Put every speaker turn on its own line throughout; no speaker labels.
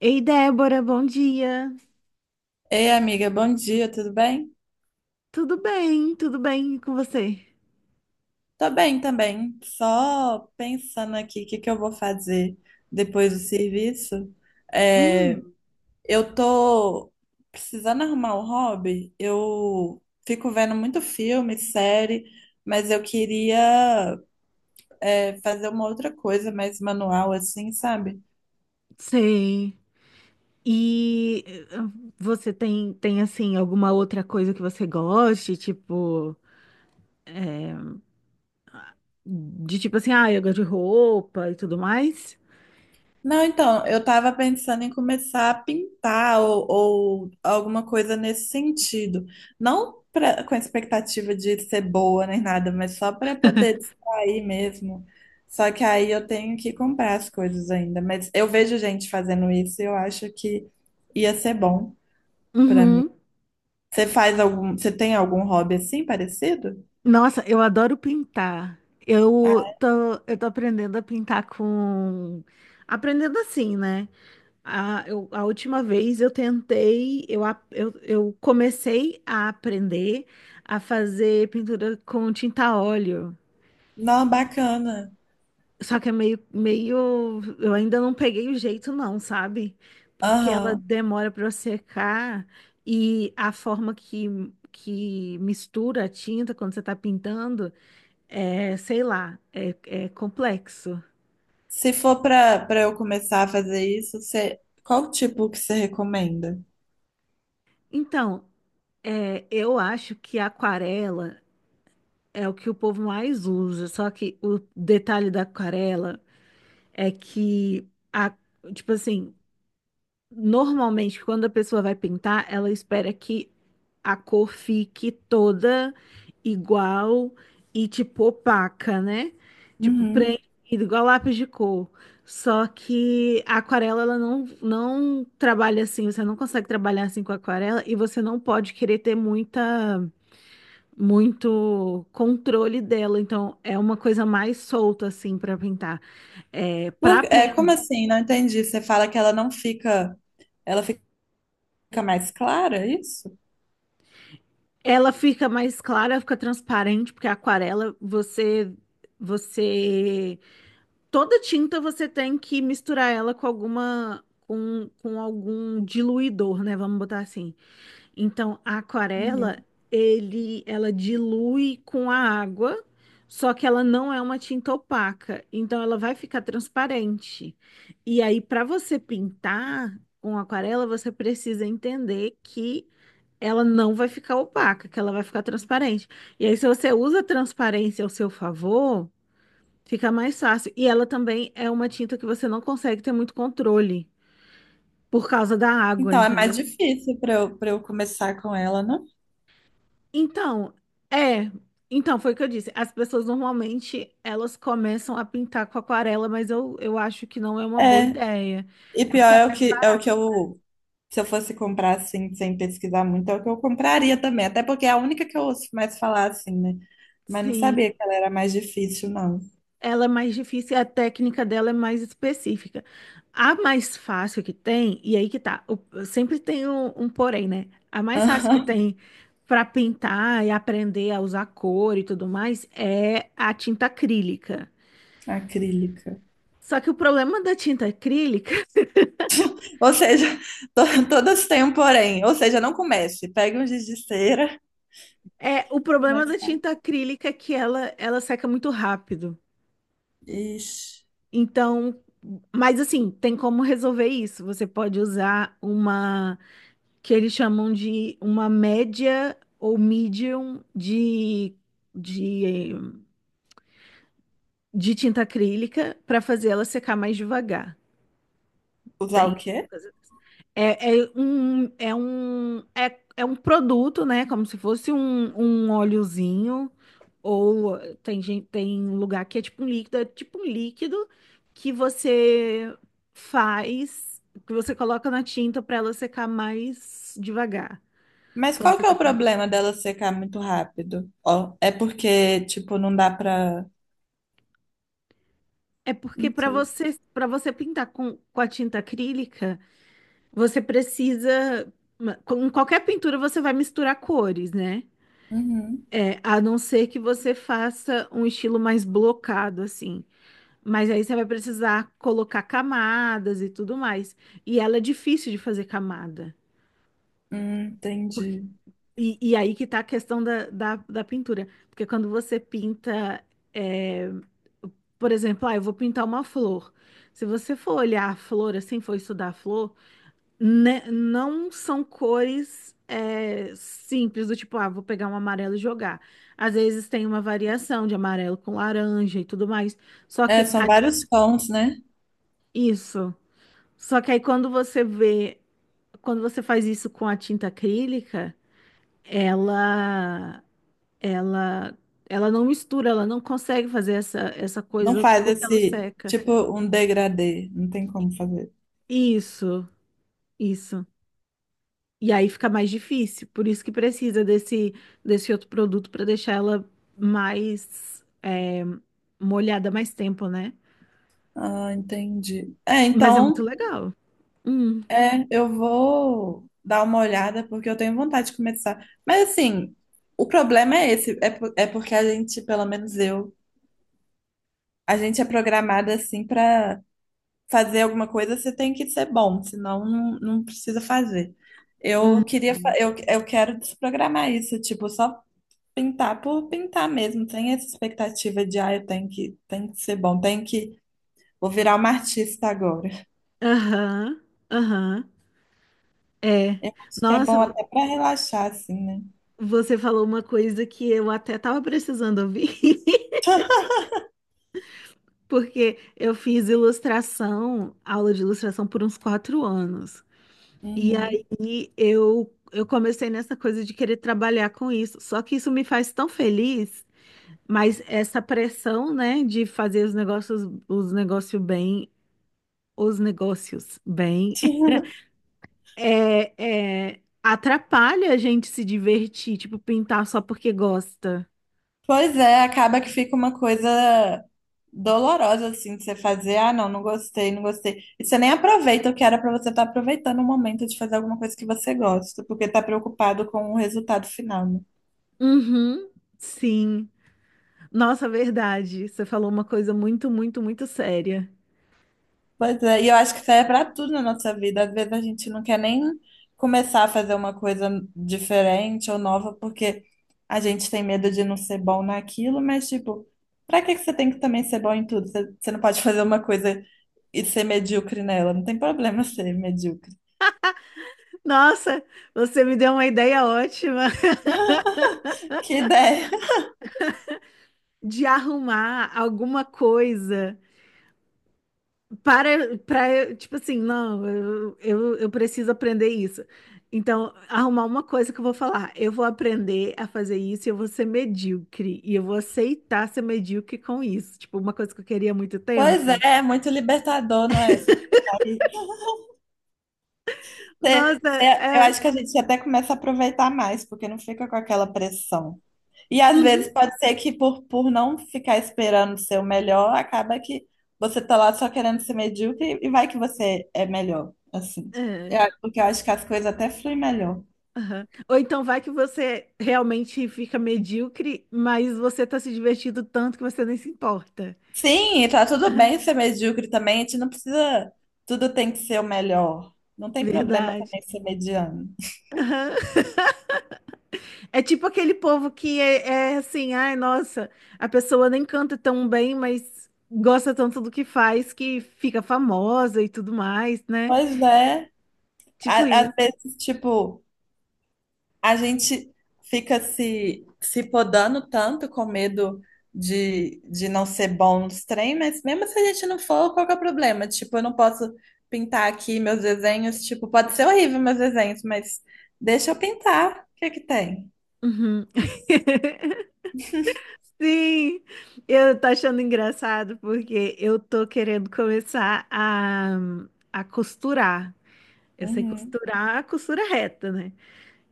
Ei, Débora, bom dia.
Ei, amiga, bom dia, tudo bem?
Tudo bem e com você?
Tô bem também, só pensando aqui o que eu vou fazer depois do serviço. É,
Hum,
eu tô precisando arrumar um hobby, eu fico vendo muito filme, série, mas eu queria, fazer uma outra coisa mais manual, assim, sabe?
sei. E você tem assim, alguma outra coisa que você goste, tipo, de tipo assim, ah, eu gosto de roupa e tudo mais?
Não, então, eu estava pensando em começar a pintar ou alguma coisa nesse sentido. Não pra, com expectativa de ser boa nem nada, mas só para poder distrair mesmo. Só que aí eu tenho que comprar as coisas ainda. Mas eu vejo gente fazendo isso e eu acho que ia ser bom para mim.
Uhum.
Você faz algum, você tem algum hobby assim parecido?
Nossa, eu adoro pintar. Eu
Ah,
tô, eu tô aprendendo a pintar com... Aprendendo assim, né? A última vez eu tentei, eu comecei a aprender a fazer pintura com tinta a óleo.
não, bacana.
Só que é eu ainda não peguei o jeito não, sabe? Porque ela
Aham.
demora para secar e a forma que mistura a tinta quando você está pintando, sei lá, é complexo.
Se for para eu começar a fazer isso, você, qual tipo que você recomenda?
Então, eu acho que a aquarela é o que o povo mais usa, só que o detalhe da aquarela é que tipo assim, normalmente quando a pessoa vai pintar, ela espera que a cor fique toda igual e tipo opaca, né? Tipo
Uhum.
preenchida igual lápis de cor. Só que a aquarela ela não trabalha assim, você não consegue trabalhar assim com a aquarela e você não pode querer ter muita muito controle dela, então é uma coisa mais solta assim para pintar. É,
É, como assim? Não entendi. Você fala que ela não fica, ela fica mais clara, é isso?
ela fica mais clara, fica transparente, porque a aquarela você você toda tinta você tem que misturar ela com algum diluidor, né? Vamos botar assim. Então, a aquarela,
Uhum.
ela dilui com a água, só que ela não é uma tinta opaca, então ela vai ficar transparente. E aí, para você pintar com aquarela, você precisa entender que ela não vai ficar opaca, que ela vai ficar transparente. E aí, se você usa a transparência ao seu favor, fica mais fácil. E ela também é uma tinta que você não consegue ter muito controle por causa da água,
Então é mais
entendeu?
difícil para eu começar com ela, né?
Então, é. Então, foi o que eu disse. As pessoas normalmente elas começam a pintar com aquarela, mas eu acho que não é uma boa
É.
ideia.
E
É
pior
porque é
é
mais ba-
se eu fosse comprar assim, sem pesquisar muito, é o que eu compraria também. Até porque é a única que eu ouço mais falar assim, né? Mas não
Sim,
sabia que ela era mais difícil, não.
ela é mais difícil e a técnica dela é mais específica. A mais fácil que tem, e aí que tá, sempre tem um porém, né? A mais fácil que tem para pintar e aprender a usar cor e tudo mais é a tinta acrílica.
Acrílica.
Só que o problema da tinta acrílica
Ou seja, todas têm um porém. Ou seja, não comece. Pegue um giz de cera.
É, o problema
Mas...
da tinta acrílica é que ela seca muito rápido.
Ixi,
Então, mas assim, tem como resolver isso. Você pode usar uma que eles chamam de uma média ou medium de, de tinta acrílica para fazer ela secar mais devagar.
usar
Tem.
o quê?
É, é um produto, né? Como se fosse um óleozinho. Ou tem gente, tem lugar que é tipo um líquido, que você que você coloca na tinta para ela secar mais devagar
Mas
quando
qual
você
que é
tá
o
pintando.
problema dela secar muito rápido? Ó, é porque, tipo, não dá pra.
É porque
Não sei.
para você pintar com a tinta acrílica, você precisa, com qualquer pintura você vai misturar cores, né?
Uhum.
É, a não ser que você faça um estilo mais blocado, assim. Mas aí você vai precisar colocar camadas e tudo mais. E ela é difícil de fazer camada. Porque-
Entendi.
e aí que tá a questão da pintura. Porque quando você pinta, é, por exemplo, ah, eu vou pintar uma flor. Se você for olhar a flor assim, for estudar a flor, né, não são cores, simples, do tipo, ah, vou pegar um amarelo e jogar. Às vezes tem uma variação de amarelo com laranja e tudo mais. Só
É,
que
são
a-
vários tons, né?
isso. Só que aí quando você faz isso com a tinta acrílica, ela, ela, ela não mistura, ela não consegue fazer essa
Não
coisa
faz
porque ela
esse,
seca.
tipo, um degradê. Não tem como fazer.
Isso, isso. E aí fica mais difícil, por isso que precisa desse outro produto para deixar ela mais, molhada mais tempo, né?
Ah, entendi. É,
Mas é muito
então.
legal. Hum,
É, eu vou dar uma olhada porque eu tenho vontade de começar. Mas assim, o problema é esse, é porque a gente, pelo menos eu, a gente é programada assim para fazer alguma coisa, você tem que ser bom, senão não precisa fazer. Eu
hum.
queria, eu quero desprogramar isso, tipo, só pintar por pintar mesmo, sem essa expectativa de, ah, eu tenho tenho que ser bom, tenho que, vou virar uma artista agora.
Aham, aham. É.
Eu acho que é
Nossa,
bom até para relaxar, assim, né?
você falou uma coisa que eu até tava precisando ouvir, porque eu fiz ilustração, aula de ilustração por uns 4 anos. E aí
Uhum.
eu comecei nessa coisa de querer trabalhar com isso. Só que isso me faz tão feliz. Mas essa pressão, né, de fazer os negócios bem, os negócios bem, atrapalha a gente se divertir, tipo, pintar só porque gosta.
Pois é, acaba que fica uma coisa dolorosa, assim, de você fazer, ah, não gostei, não gostei. E você nem aproveita o que era pra você estar aproveitando o momento de fazer alguma coisa que você gosta, porque tá preocupado com o resultado final, né?
Uhum, sim. Nossa, verdade. Você falou uma coisa muito, muito, muito séria.
Pois é, e eu acho que isso aí é para tudo na nossa vida. Às vezes a gente não quer nem começar a fazer uma coisa diferente ou nova porque a gente tem medo de não ser bom naquilo, mas tipo, para que você tem que também ser bom em tudo? Você não pode fazer uma coisa e ser medíocre nela, não tem problema ser medíocre.
Nossa, você me deu uma ideia ótima
Que ideia!
de arrumar alguma coisa, tipo assim, não, eu preciso aprender isso. Então, arrumar uma coisa que eu vou falar. Eu vou aprender a fazer isso e eu vou ser medíocre. E eu vou aceitar ser medíocre com isso. Tipo, uma coisa que eu queria há muito
Pois é,
tempo.
é muito libertador, não é?
Nossa,
Eu
é.
acho que a gente até começa a aproveitar mais, porque não fica com aquela pressão. E às vezes
Uhum,
pode ser que por não ficar esperando ser o melhor, acaba que você tá lá só querendo ser medíocre e vai que você é melhor, assim.
é,
Porque eu acho que as coisas até fluem melhor.
aham. Ou então vai que você realmente fica medíocre, mas você tá se divertindo tanto que você nem se importa.
Sim, e tá tudo bem ser medíocre também, a gente não precisa, tudo tem que ser o melhor. Não tem problema
Verdade.
também ser mediano.
É tipo aquele povo que é assim, ai, nossa, a pessoa nem canta tão bem, mas gosta tanto do que faz que fica famosa e tudo mais, né?
Pois é,
Tipo isso.
às vezes, tipo, a gente fica se podando tanto com medo de não ser bom nos trem, mas mesmo se a gente não for, qual que é o problema? Tipo, eu não posso pintar aqui meus desenhos, tipo, pode ser horrível meus desenhos, mas deixa eu pintar, o que é que tem?
Uhum. Sim, eu tô achando engraçado porque eu tô querendo começar a costurar. Eu sei
Uhum,
costurar a costura reta, né?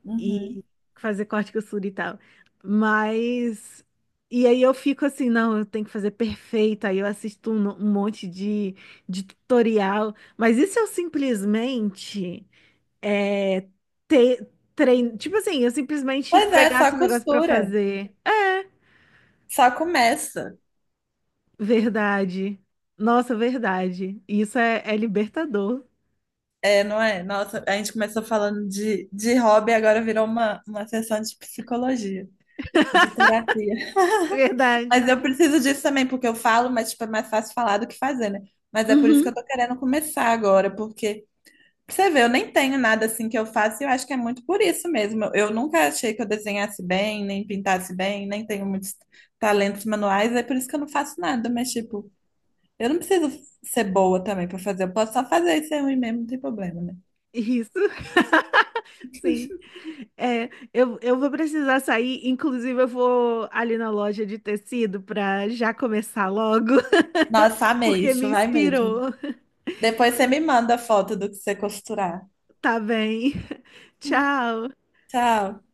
uhum.
E fazer corte, costura e tal. Mas. E aí eu fico assim, não, eu tenho que fazer perfeito. Aí eu assisto um monte de tutorial. Mas isso se eu simplesmente é, ter, Tipo assim, eu simplesmente
Pois é, só
pegasse um negócio pra
costura,
fazer. É,
só começa.
verdade. Nossa, verdade. Isso é libertador.
É, não é? Nossa, a gente começou falando de hobby, agora virou uma sessão de psicologia, de terapia.
Verdade.
Mas eu preciso disso também, porque eu falo, mas tipo, é mais fácil falar do que fazer, né? Mas é por isso que
Uhum.
eu tô querendo começar agora, porque pra você vê, eu nem tenho nada assim que eu faço e eu acho que é muito por isso mesmo. Eu nunca achei que eu desenhasse bem, nem pintasse bem, nem tenho muitos talentos manuais, é por isso que eu não faço nada, mas tipo, eu não preciso ser boa também pra fazer, eu posso só fazer isso ser ruim mesmo, não tem problema, né?
Isso. Sim. É, eu vou precisar sair, inclusive eu vou ali na loja de tecido para já começar logo,
Nossa, amei
porque me
isso, vai mesmo.
inspirou.
Depois você me manda a foto do que você costurar.
Tá bem. Tchau.
Tchau.